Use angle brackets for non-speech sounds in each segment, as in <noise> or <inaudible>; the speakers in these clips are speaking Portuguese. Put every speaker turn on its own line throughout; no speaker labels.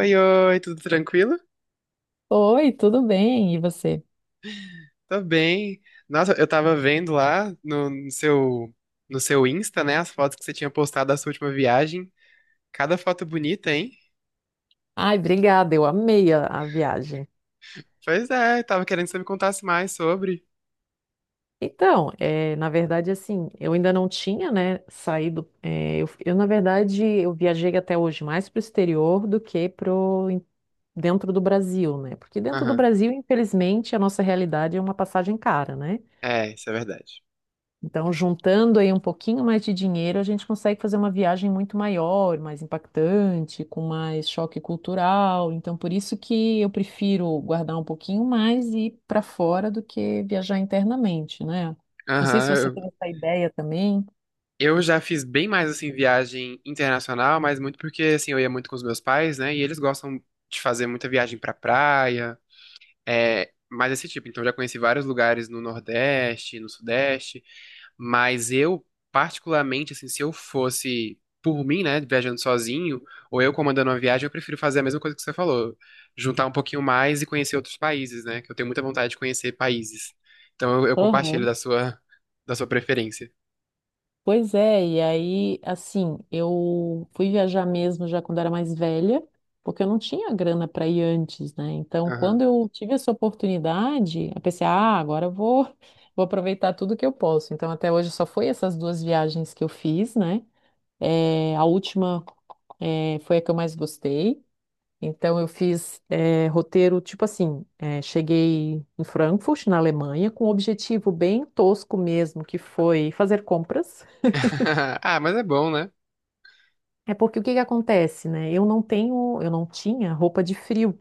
Oi, oi, tudo tranquilo?
Oi, tudo bem? E você?
Tô bem. Nossa, eu tava vendo lá no seu Insta, né, as fotos que você tinha postado da sua última viagem. Cada foto bonita, hein?
Ai, obrigada, eu amei a viagem.
Pois é, tava querendo que você me contasse mais sobre.
Então, na verdade, assim, eu ainda não tinha, né, saído. Na verdade, eu viajei até hoje mais para o exterior do que dentro do Brasil, né? Porque dentro do
Aham.
Brasil, infelizmente, a nossa realidade é uma passagem cara, né?
É, isso é verdade.
Então, juntando aí um pouquinho mais de dinheiro, a gente consegue fazer uma viagem muito maior, mais impactante, com mais choque cultural. Então, por isso que eu prefiro guardar um pouquinho mais e ir para fora do que viajar internamente, né? Não sei
Aham,
se você tem
eu,
essa ideia também.
eu já fiz bem mais assim viagem internacional, mas muito porque assim eu ia muito com os meus pais, né? E eles gostam de fazer muita viagem pra praia, é, mais esse tipo. Então eu já conheci vários lugares no Nordeste, no Sudeste. Mas eu, particularmente, assim, se eu fosse por mim, né, viajando sozinho, ou eu comandando uma viagem, eu prefiro fazer a mesma coisa que você falou, juntar um pouquinho mais e conhecer outros países, né, que eu tenho muita vontade de conhecer países. Então eu compartilho
Aham.
da sua preferência.
Pois é, e aí, assim, eu fui viajar mesmo já quando era mais velha, porque eu não tinha grana para ir antes, né? Então, quando
Aham.
eu tive essa oportunidade, eu pensei, ah, agora eu vou, <laughs> vou aproveitar tudo que eu posso. Então, até hoje só foi essas duas viagens que eu fiz, né? A última, foi a que eu mais gostei. Então, eu fiz, roteiro, tipo assim, cheguei em Frankfurt, na Alemanha, com um objetivo bem tosco mesmo, que foi fazer compras.
<laughs> Ah, mas é bom, né?
É porque o que que acontece, né? Eu não tenho, eu não tinha roupa de frio.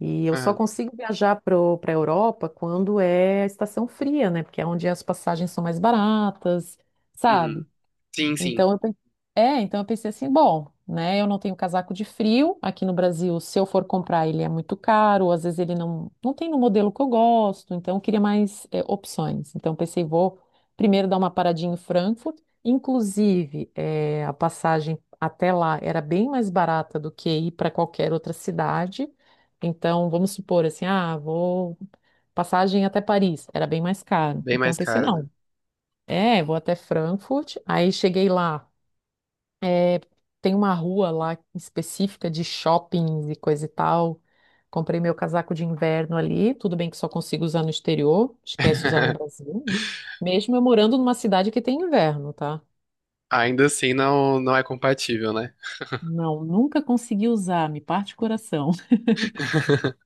E eu só
Aham.
consigo viajar para a Europa quando é estação fria, né? Porque é onde as passagens são mais baratas,
Uhum.
sabe?
Sim, sim.
Então eu, pen- então eu pensei assim, bom, né? Eu não tenho casaco de frio aqui no Brasil. Se eu for comprar, ele é muito caro. Às vezes ele não tem no modelo que eu gosto. Então eu queria mais é, opções. Então eu pensei, vou primeiro dar uma paradinha em Frankfurt. Inclusive, é, a passagem até lá era bem mais barata do que ir para qualquer outra cidade. Então vamos supor assim, ah, vou passagem até Paris era bem mais caro.
Bem
Então
mais
eu pensei,
caro, né?
não. É, vou até Frankfurt. Aí cheguei lá. É, tem uma rua lá específica de shoppings e coisa e tal. Comprei meu casaco de inverno ali. Tudo bem que só consigo usar no exterior. Esquece usar no
<laughs>
Brasil, né? Mesmo eu morando numa cidade que tem inverno, tá?
Ainda assim não, não é compatível, né?
Não, nunca consegui usar, me parte o coração. <laughs>
<laughs>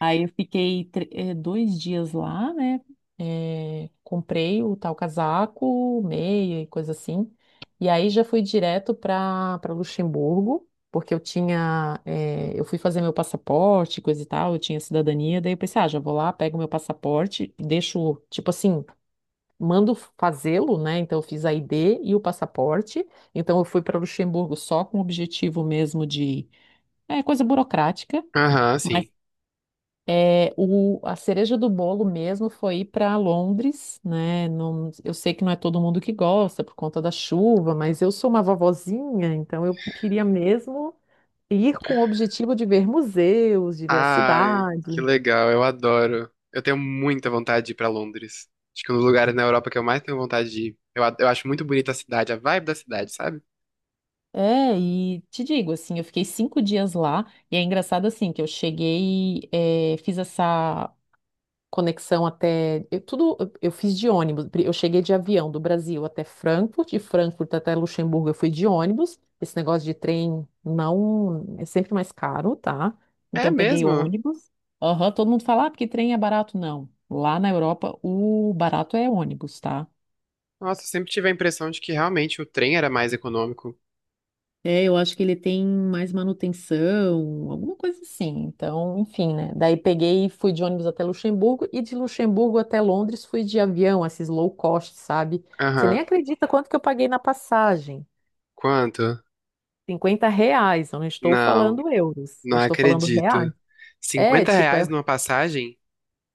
Aí eu fiquei 2 dias lá, né? Comprei o tal casaco, meia e coisa assim. E aí já fui direto para Luxemburgo, porque eu tinha, eu fui fazer meu passaporte, coisa e tal, eu tinha cidadania. Daí eu pensei, ah, já vou lá, pego meu passaporte, deixo, tipo assim, mando fazê-lo, né? Então eu fiz a ID e o passaporte. Então eu fui para Luxemburgo só com o objetivo mesmo de, é, coisa burocrática.
Aham,
mas
sim.
a cereja do bolo mesmo foi ir para Londres, né? Eu sei que não é todo mundo que gosta por conta da chuva, mas eu sou uma vovozinha, então eu queria mesmo ir com o objetivo de ver museus, de ver a
Ai, que
cidade.
legal, eu adoro. Eu tenho muita vontade de ir pra Londres. Acho que é um dos lugares na Europa que eu mais tenho vontade de ir. Eu, eu acho muito bonita a cidade, a vibe da cidade, sabe?
É, e te digo, assim, eu fiquei 5 dias lá, e é engraçado, assim, que eu cheguei, fiz essa conexão até. Eu, tudo eu fiz de ônibus. Eu cheguei de avião do Brasil até Frankfurt, de Frankfurt até Luxemburgo eu fui de ônibus. Esse negócio de trem não é sempre mais caro, tá?
É
Então peguei
mesmo?
ônibus. Aham, todo mundo fala, ah, porque trem é barato. Não. Lá na Europa, o barato é ônibus, tá?
Nossa, eu sempre tive a impressão de que realmente o trem era mais econômico.
É, eu acho que ele tem mais manutenção, alguma coisa assim. Então, enfim, né? Daí peguei e fui de ônibus até Luxemburgo e de Luxemburgo até Londres fui de avião, esses low cost, sabe? Você nem
Aham.
acredita quanto que eu paguei na passagem.
Quanto?
R$ 50, eu não estou
Não,
falando euros, eu
não
estou falando reais.
acredito.
É,
cinquenta
tipo,
reais numa passagem?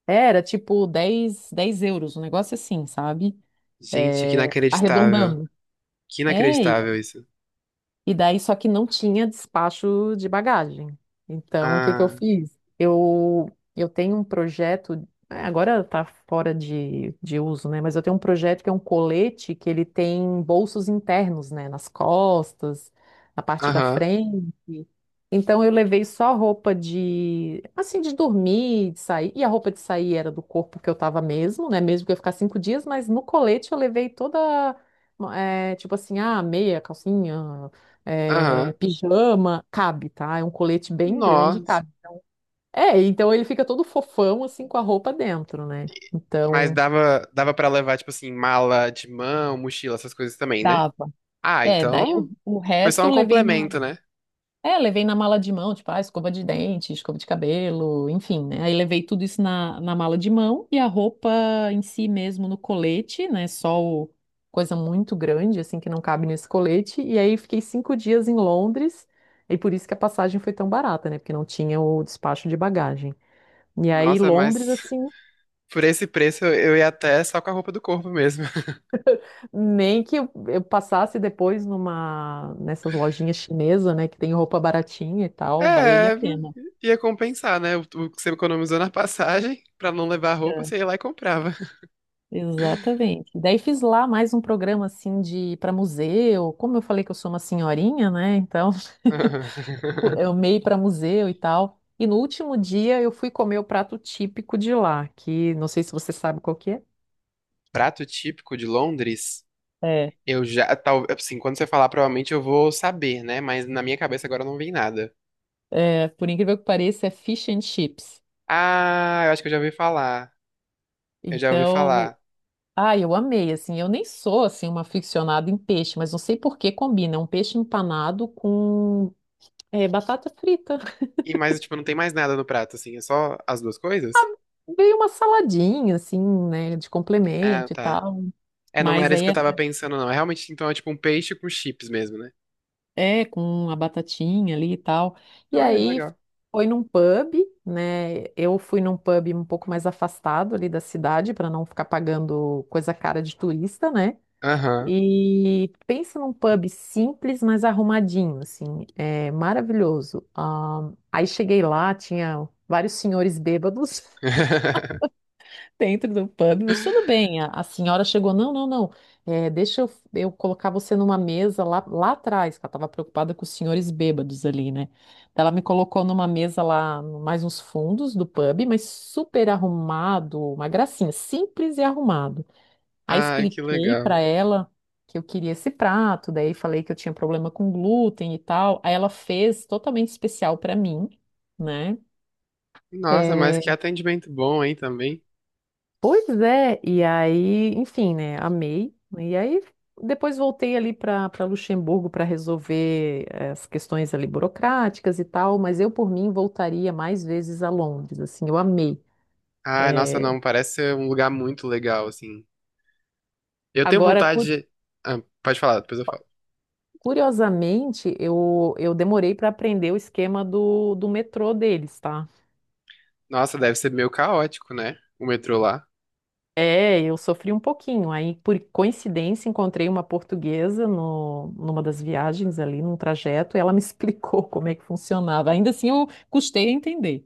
era tipo dez euros, um negócio assim, sabe?
Gente, que
É,
inacreditável.
arredondando.
Que
É,
inacreditável isso.
e daí só que não tinha despacho de bagagem. Então, o que que eu
Ah,
fiz? Eu tenho um projeto, é, agora tá fora de uso, né? Mas eu tenho um projeto que é um colete que ele tem bolsos internos, né? Nas costas, na parte da
aham,
frente. Então, eu levei só roupa de, assim, de dormir, de sair. E a roupa de sair era do corpo que eu tava mesmo, né? Mesmo que eu ia ficar 5 dias, mas no colete eu levei toda é, tipo assim, ah, meia, calcinha, é,
aham.
pijama, cabe, tá? É um colete bem grande e
Nossa.
cabe. É, então ele fica todo fofão, assim, com a roupa dentro, né?
Mas
Então,
dava para levar, tipo assim, mala de mão, mochila, essas coisas também, né?
dava.
Ah,
É, daí o,
então
o
foi só
resto
um
eu
complemento, né?
levei na mala de mão, tipo, ah, escova de dente, escova de cabelo, enfim, né? Aí levei tudo isso na mala de mão e a roupa em si mesmo no colete, né? Só o, coisa muito grande, assim, que não cabe nesse colete. E aí fiquei 5 dias em Londres e por isso que a passagem foi tão barata, né? Porque não tinha o despacho de bagagem. E aí,
Nossa,
Londres,
mas
assim,
<laughs> por esse preço eu ia até só com a roupa do corpo mesmo. <laughs>
nem que eu passasse depois nessas lojinhas chinesas, né, que tem roupa baratinha e tal, valeria a
É,
pena.
ia compensar, né? O que você economizou na passagem, pra não levar a roupa,
É.
você ia lá e comprava.
Exatamente. Daí fiz lá mais um programa assim de para museu. Como eu falei que eu sou uma senhorinha, né? Então, <laughs>
<laughs>
eu meio para museu e tal. E no último dia eu fui comer o prato típico de lá, que não sei se você sabe qual que é.
Prato típico de Londres,
É,
eu já, tal, assim, quando você falar, provavelmente eu vou saber, né? Mas na minha cabeça agora não vem nada.
por incrível que pareça, é fish and chips.
Ah, eu acho que eu já ouvi falar. Eu já ouvi
Então,
falar.
ah, eu amei, assim, eu nem sou, assim, uma aficionada em peixe, mas não sei por que combina é um peixe empanado com é, batata frita. <laughs>
E mais, tipo, não tem mais nada no prato, assim, é só as duas coisas?
Veio uma saladinha, assim, né, de
Ah,
complemento e
tá.
tal,
É, não não
mas
era isso
aí
que eu
é,
tava pensando, não. É realmente, então, é tipo um peixe com chips mesmo, né?
é com a batatinha ali e tal. E
Olha, que
aí
legal.
foi num pub, né, eu fui num pub um pouco mais afastado ali da cidade, para não ficar pagando coisa cara de turista, né.
Aham.
E pensa num pub simples, mas arrumadinho, assim, é maravilhoso. Ah, aí cheguei lá, tinha vários senhores bêbados <laughs>
<laughs>
dentro do pub, mas tudo bem. A senhora chegou, não, não, não, deixa eu colocar você numa mesa lá, lá atrás, que ela estava preocupada com os senhores bêbados ali, né? Então, ela me colocou numa mesa lá, mais nos fundos do pub, mas super arrumado, uma gracinha, simples e arrumado. Aí
Ai, que
expliquei pra
legal.
ela que eu queria esse prato, daí falei que eu tinha problema com glúten e tal. Aí ela fez totalmente especial pra mim, né?
Nossa, mas
É,
que atendimento bom, hein, também.
pois é, e aí, enfim, né? Amei. E aí depois voltei ali para Luxemburgo para resolver as questões ali burocráticas e tal, mas eu por mim voltaria mais vezes a Londres, assim, eu amei.
Ai, nossa,
É,
não, parece ser um lugar muito legal, assim. Eu tenho
agora,
vontade de... Ah, pode falar, depois eu falo.
curiosamente, eu demorei para aprender o esquema do metrô deles, tá?
Nossa, deve ser meio caótico, né, o metrô lá.
É, eu sofri um pouquinho. Aí, por coincidência, encontrei uma portuguesa no, numa das viagens ali, num trajeto, e ela me <laughs> explicou como é que funcionava. Ainda assim, eu custei a entender.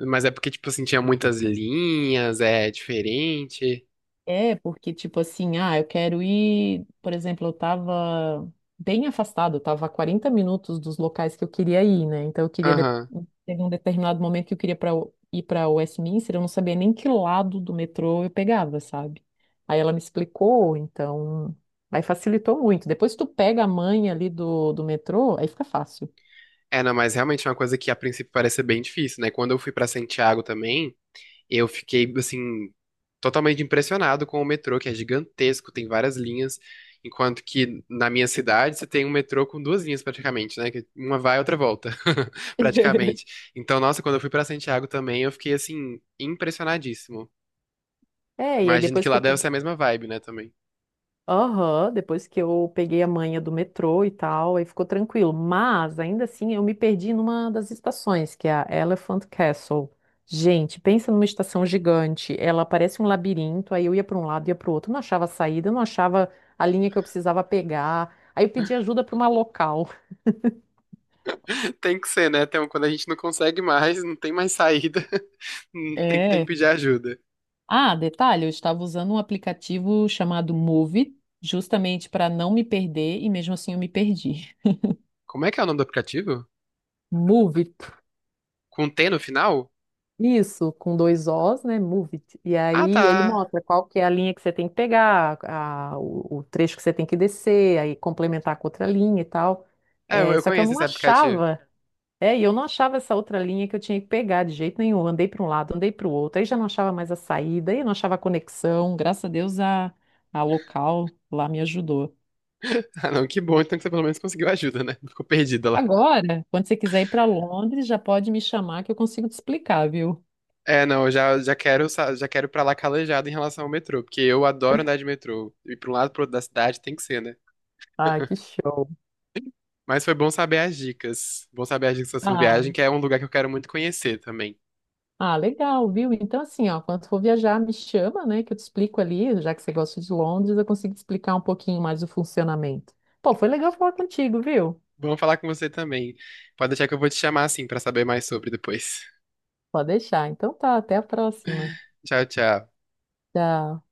Mas é porque, tipo assim, tinha muitas linhas, é diferente.
É, porque, tipo assim, ah, eu quero ir. Por exemplo, eu tava bem afastado, eu tava a 40 minutos dos locais que eu queria ir, né? Então, eu queria.
Aham.
Teve um determinado momento que eu queria pra ir para Westminster, eu não sabia nem que lado do metrô eu pegava, sabe? Aí ela me explicou, então. Aí facilitou muito. Depois que tu pega a manha ali do metrô, aí fica fácil.
É, não, mas realmente é uma coisa que a princípio parece ser bem difícil, né? Quando eu fui pra Santiago também, eu fiquei, assim, totalmente impressionado com o metrô, que é gigantesco, tem várias linhas, enquanto que na minha cidade você tem um metrô com duas linhas praticamente, né? Que uma vai e outra volta, <laughs>
<laughs>
praticamente. Então, nossa, quando eu fui pra Santiago também, eu fiquei, assim, impressionadíssimo.
É, e aí
Imagino
depois
que
que
lá
eu,
deve ser a mesma vibe, né, também.
aham, depois que eu peguei a manha do metrô e tal, aí ficou tranquilo. Mas, ainda assim, eu me perdi numa das estações, que é a Elephant Castle. Gente, pensa numa estação gigante. Ela parece um labirinto, aí eu ia para um lado, ia para o outro, não achava saída, não achava a linha que eu precisava pegar. Aí eu pedi ajuda para uma local.
<laughs> Tem que ser, né? Então, quando a gente não consegue mais, não tem mais saída, <laughs> tem que
É.
pedir ajuda.
Ah, detalhe, eu estava usando um aplicativo chamado Move, justamente para não me perder, e mesmo assim eu me perdi.
Como é que é o nome do aplicativo?
Move.
Com T no final?
Isso, com dois Os, né? Move it. E
Ah,
aí ele
tá.
mostra qual que é a linha que você tem que pegar, o trecho que você tem que descer, aí complementar com outra linha e tal.
É, eu
É,
eu
só que eu
conheço
não
esse aplicativo. <laughs>
achava, e eu não achava essa outra linha que eu tinha que pegar de jeito nenhum. Andei para um lado, andei para o outro, aí já não achava mais a saída, aí eu não achava a conexão. Graças a Deus a local lá me ajudou.
Ah, não, que bom, então que você pelo menos conseguiu ajuda, né? Não ficou perdida lá.
Agora, quando você quiser ir para Londres, já pode me chamar que eu consigo te explicar, viu?
É, não, eu já, já quero, já quero ir pra lá calejado em relação ao metrô, porque eu adoro andar de metrô. E pra um lado e pro outro da cidade tem que ser, né?
Ah, que show.
Mas foi bom saber as dicas. Bom saber as dicas da sua
Ah,
viagem, que é um lugar que eu quero muito conhecer também.
Ah, legal, viu? Então, assim, ó, quando for viajar, me chama, né, que eu te explico ali, já que você gosta de Londres, eu consigo te explicar um pouquinho mais o funcionamento. Pô, foi legal falar contigo, viu?
Bom falar com você também. Pode deixar que eu vou te chamar assim pra saber mais sobre depois.
Pode deixar. Então tá, até a próxima.
<laughs> Tchau, tchau.
Tchau.